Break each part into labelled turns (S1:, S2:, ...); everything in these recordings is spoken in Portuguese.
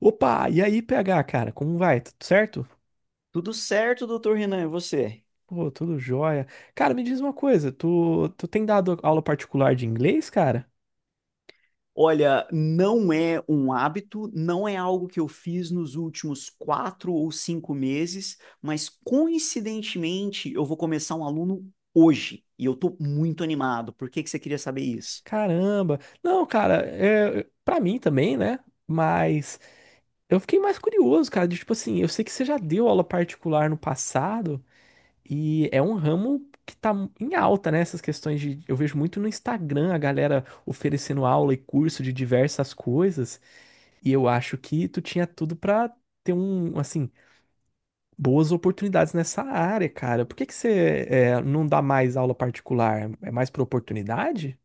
S1: Opa, e aí, PH, cara, como vai? Tudo certo?
S2: Tudo certo, doutor Renan, e você?
S1: Pô, tudo jóia. Cara, me diz uma coisa, tu tem dado aula particular de inglês, cara?
S2: Olha, não é um hábito, não é algo que eu fiz nos últimos quatro ou cinco meses, mas coincidentemente eu vou começar um aluno hoje e eu tô muito animado. Por que que você queria saber isso?
S1: Caramba. Não, cara, é, pra mim também, né? Mas eu fiquei mais curioso, cara, de tipo assim, eu sei que você já deu aula particular no passado e é um ramo que tá em alta, né? Essas questões de. Eu vejo muito no Instagram a galera oferecendo aula e curso de diversas coisas e eu acho que tu tinha tudo pra ter um, assim, boas oportunidades nessa área, cara. Por que que você é, não dá mais aula particular? É mais por oportunidade?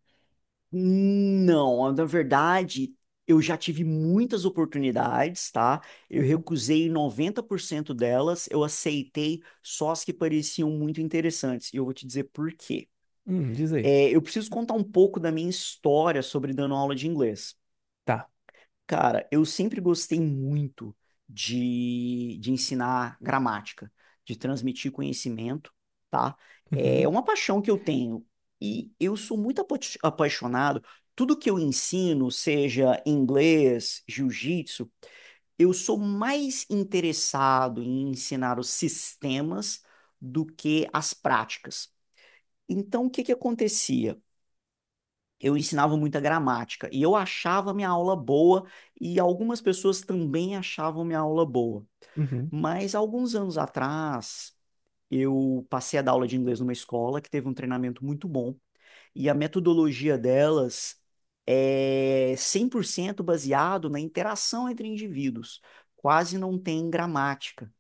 S2: Não, na verdade, eu já tive muitas oportunidades, tá? Eu
S1: Aham.
S2: recusei 90% delas, eu aceitei só as que pareciam muito interessantes. E eu vou te dizer por quê.
S1: Diz aí.
S2: É, eu preciso contar um pouco da minha história sobre dando aula de inglês.
S1: Tá.
S2: Cara, eu sempre gostei muito de ensinar gramática, de transmitir conhecimento, tá? É
S1: Uhum,
S2: uma paixão que eu tenho e eu sou muito apaixonado. Tudo que eu ensino, seja inglês, jiu-jitsu, eu sou mais interessado em ensinar os sistemas do que as práticas. Então, o que que acontecia? Eu ensinava muita gramática e eu achava minha aula boa e algumas pessoas também achavam minha aula boa.
S1: uhum,
S2: Mas alguns anos atrás, eu passei a dar aula de inglês numa escola que teve um treinamento muito bom e a metodologia delas é 100% baseado na interação entre indivíduos, quase não tem gramática.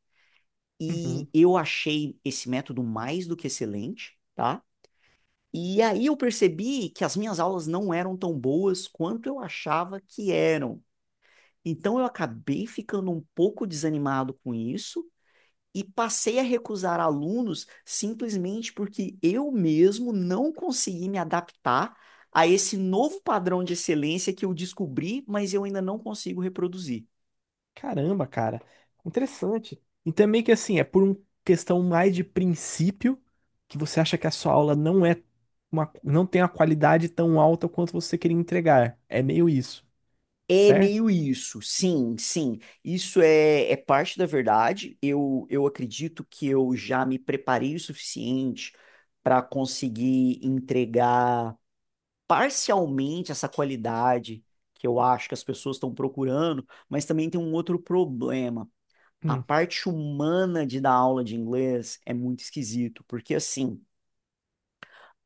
S2: E
S1: uhum.
S2: eu achei esse método mais do que excelente, tá? E aí eu percebi que as minhas aulas não eram tão boas quanto eu achava que eram. Então eu acabei ficando um pouco desanimado com isso e passei a recusar alunos simplesmente porque eu mesmo não consegui me adaptar a esse novo padrão de excelência que eu descobri, mas eu ainda não consigo reproduzir.
S1: Caramba, cara. Interessante. E também que assim, é por uma questão mais de princípio que você acha que a sua aula não é uma, não tem a qualidade tão alta quanto você queria entregar. É meio isso,
S2: É
S1: certo?
S2: meio isso, sim, sim. Isso é, é parte da verdade. Eu acredito que eu já me preparei o suficiente para conseguir entregar parcialmente essa qualidade que eu acho que as pessoas estão procurando, mas também tem um outro problema. A
S1: Hum,
S2: parte humana de dar aula de inglês é muito esquisito, porque assim,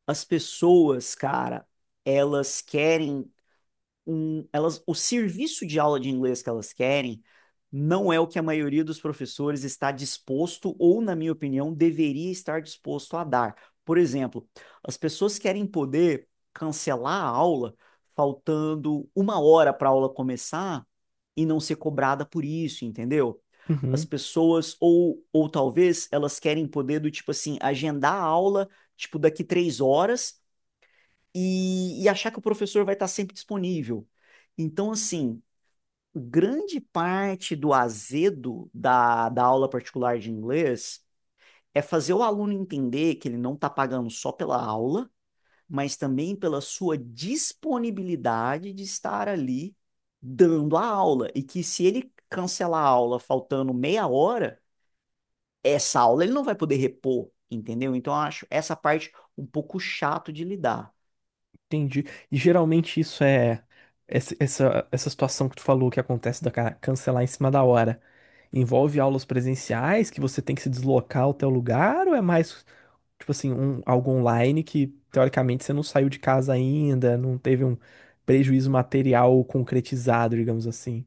S2: as pessoas, cara, elas querem um, elas, o serviço de aula de inglês que elas querem não é o que a maioria dos professores está disposto, ou, na minha opinião, deveria estar disposto a dar. Por exemplo, as pessoas querem poder cancelar a aula faltando uma hora para a aula começar e não ser cobrada por isso, entendeu? As
S1: uhum.
S2: pessoas, ou talvez elas querem poder do tipo assim, agendar a aula, tipo, daqui três horas e achar que o professor vai estar sempre disponível. Então, assim, grande parte do azedo da aula particular de inglês é fazer o aluno entender que ele não está pagando só pela aula, mas também pela sua disponibilidade de estar ali dando a aula. E que se ele cancelar a aula faltando meia hora, essa aula ele não vai poder repor, entendeu? Então, eu acho essa parte um pouco chato de lidar.
S1: Entendi. E geralmente isso é essa situação que tu falou que acontece da ca- cancelar em cima da hora. Envolve aulas presenciais que você tem que se deslocar ao teu lugar ou é mais tipo assim, um, algo online que teoricamente você não saiu de casa ainda, não teve um prejuízo material concretizado, digamos assim.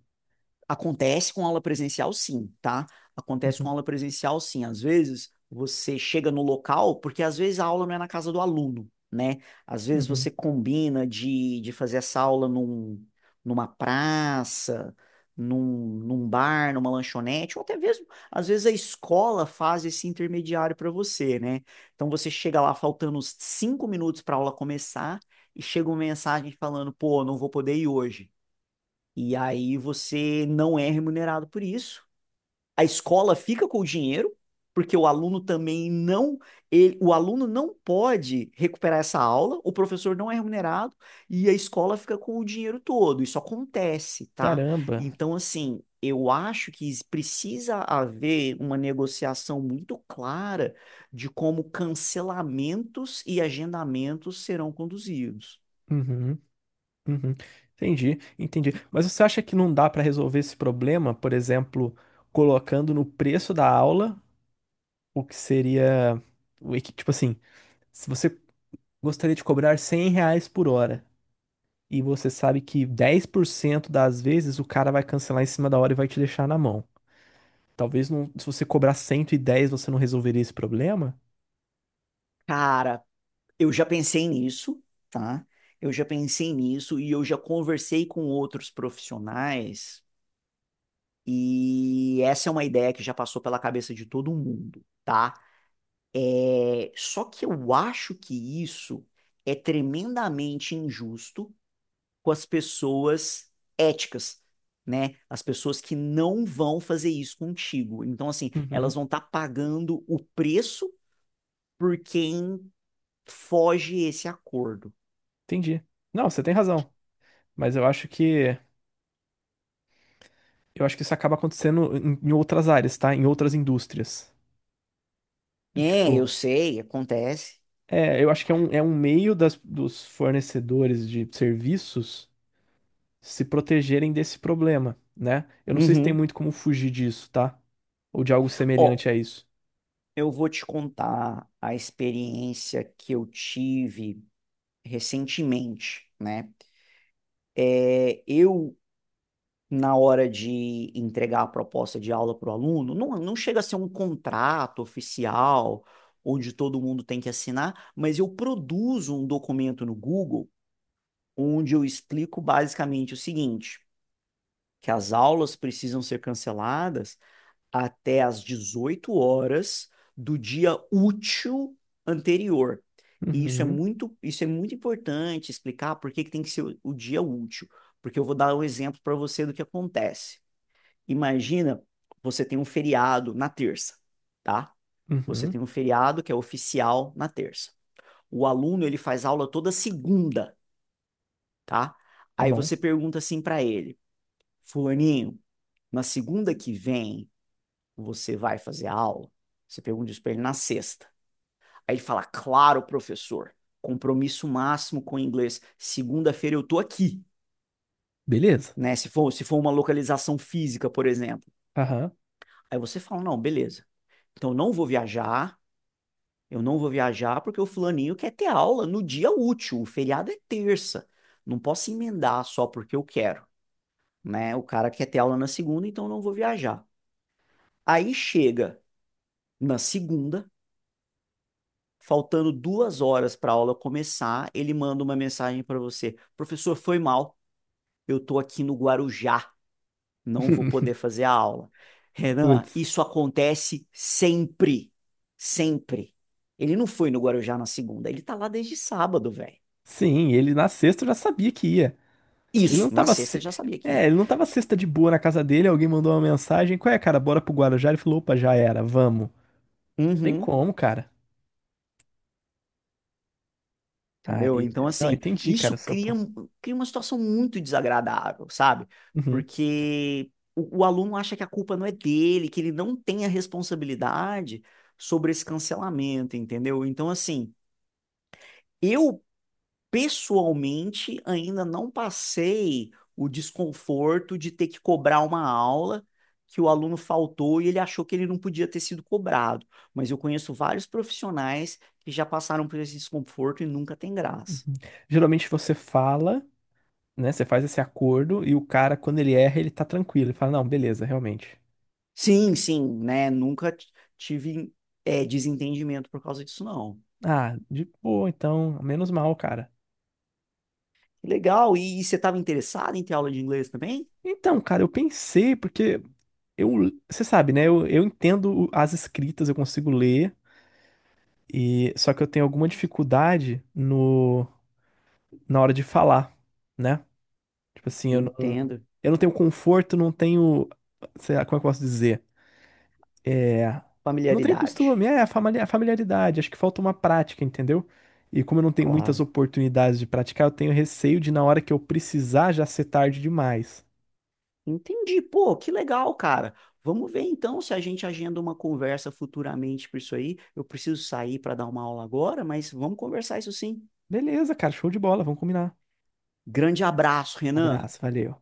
S2: Acontece com aula presencial, sim, tá? Acontece com
S1: Uhum,
S2: aula presencial, sim. Às vezes você chega no local, porque às vezes a aula não é na casa do aluno, né? Às vezes
S1: uhum.
S2: você combina de fazer essa aula num, numa praça, num, num bar, numa lanchonete, ou até mesmo, às vezes a escola faz esse intermediário para você, né? Então você chega lá faltando uns cinco minutos para a aula começar e chega uma mensagem falando, pô, não vou poder ir hoje. E aí você não é remunerado por isso. A escola fica com o dinheiro, porque o aluno também não, o aluno não pode recuperar essa aula, o professor não é remunerado e a escola fica com o dinheiro todo. Isso acontece, tá?
S1: Caramba.
S2: Então, assim, eu acho que precisa haver uma negociação muito clara de como cancelamentos e agendamentos serão conduzidos.
S1: Uhum, uhum. Entendi, entendi. Mas você acha que não dá para resolver esse problema, por exemplo, colocando no preço da aula o que seria o equi- tipo assim, se você gostaria de cobrar R$ 100 por hora e você sabe que 10% das vezes o cara vai cancelar em cima da hora e vai te deixar na mão. Talvez não, se você cobrar 110 você não resolveria esse problema?
S2: Cara, eu já pensei nisso, tá? Eu já pensei nisso e eu já conversei com outros profissionais e essa é uma ideia que já passou pela cabeça de todo mundo, tá? Só que eu acho que isso é tremendamente injusto com as pessoas éticas, né? As pessoas que não vão fazer isso contigo. Então, assim, elas
S1: Uhum,
S2: vão estar pagando o preço por quem foge esse acordo.
S1: entendi. Não, você tem razão, mas eu acho que isso acaba acontecendo em outras áreas, tá? Em outras indústrias. Do
S2: É,
S1: tipo,
S2: eu sei, acontece.
S1: é, eu acho que é um meio das, dos fornecedores de serviços se protegerem desse problema, né? Eu não sei se tem
S2: Uhum.
S1: muito como fugir disso, tá? Ou de algo
S2: Ó,
S1: semelhante a isso.
S2: eu vou te contar a experiência que eu tive recentemente, né? É, eu, na hora de entregar a proposta de aula para o aluno, não, não chega a ser um contrato oficial, onde todo mundo tem que assinar, mas eu produzo um documento no Google, onde eu explico basicamente o seguinte, que as aulas precisam ser canceladas até às 18 horas do dia útil anterior. E
S1: Uhum,
S2: isso é muito importante explicar por que que tem que ser o dia útil, porque eu vou dar um exemplo para você do que acontece. Imagina, você tem um feriado na terça, tá? Você
S1: uhum,
S2: tem um feriado que é oficial na terça. O aluno, ele faz aula toda segunda, tá?
S1: tá
S2: Aí
S1: bom.
S2: você pergunta assim para ele: "Fulaninho, na segunda que vem, você vai fazer a aula?" Você pergunta isso para ele na sexta. Aí ele fala, claro, professor, compromisso máximo com o inglês. Segunda-feira eu tô aqui,
S1: Beleza.
S2: né? Se for, se for uma localização física, por exemplo.
S1: Aham.
S2: Aí você fala, não, beleza. Então eu não vou viajar, eu não vou viajar porque o fulaninho quer ter aula no dia útil. O feriado é terça. Não posso emendar só porque eu quero, né? O cara quer ter aula na segunda, então eu não vou viajar. Aí chega na segunda, faltando duas horas para a aula começar, ele manda uma mensagem para você: professor, foi mal, eu estou aqui no Guarujá, não vou poder fazer a aula. Renan,
S1: Putz.
S2: isso acontece sempre, sempre. Ele não foi no Guarujá na segunda, ele tá lá desde sábado, velho.
S1: Sim, ele na sexta eu já sabia que ia. Ele não
S2: Isso, na
S1: tava.
S2: sexta
S1: Se-
S2: ele já sabia que
S1: é,
S2: ia.
S1: ele não tava sexta de boa na casa dele, alguém mandou uma mensagem. Qual é, cara? Bora pro Guarujá? Ele falou, opa, já era, vamos. Tem
S2: Uhum.
S1: como, cara.
S2: Entendeu?
S1: Aí.
S2: Então,
S1: Não,
S2: assim,
S1: entendi, cara,
S2: isso
S1: o seu
S2: cria,
S1: ponto.
S2: cria uma situação muito desagradável, sabe?
S1: Uhum.
S2: Porque o aluno acha que a culpa não é dele, que ele não tem a responsabilidade sobre esse cancelamento, entendeu? Então, assim, eu pessoalmente ainda não passei o desconforto de ter que cobrar uma aula que o aluno faltou e ele achou que ele não podia ter sido cobrado. Mas eu conheço vários profissionais que já passaram por esse desconforto e nunca tem graça.
S1: Geralmente você fala, né? Você faz esse acordo e o cara, quando ele erra, ele tá tranquilo. Ele fala, não, beleza, realmente.
S2: Sim, sim, né? Nunca tive é, desentendimento por causa disso, não.
S1: Ah, de boa, então, menos mal, cara.
S2: Que legal, e, você estava interessado em ter aula de inglês também?
S1: Então, cara, eu pensei, porque eu, você sabe, né? Eu entendo o- as escritas, eu consigo ler, e só que eu tenho alguma dificuldade no, na hora de falar, né? Tipo assim,
S2: Entendo.
S1: eu não tenho conforto, não tenho, sei lá, como é que eu posso dizer? É, não tenho
S2: Familiaridade,
S1: costume, é a famali- a familiaridade. Acho que falta uma prática, entendeu? E como eu não tenho muitas
S2: claro.
S1: oportunidades de praticar, eu tenho receio de na hora que eu precisar já ser tarde demais.
S2: Entendi, pô, que legal, cara. Vamos ver então se a gente agenda uma conversa futuramente por isso aí. Eu preciso sair para dar uma aula agora, mas vamos conversar isso sim.
S1: Beleza, cara, show de bola, vamos combinar.
S2: Grande abraço, Renan.
S1: Abraço, valeu.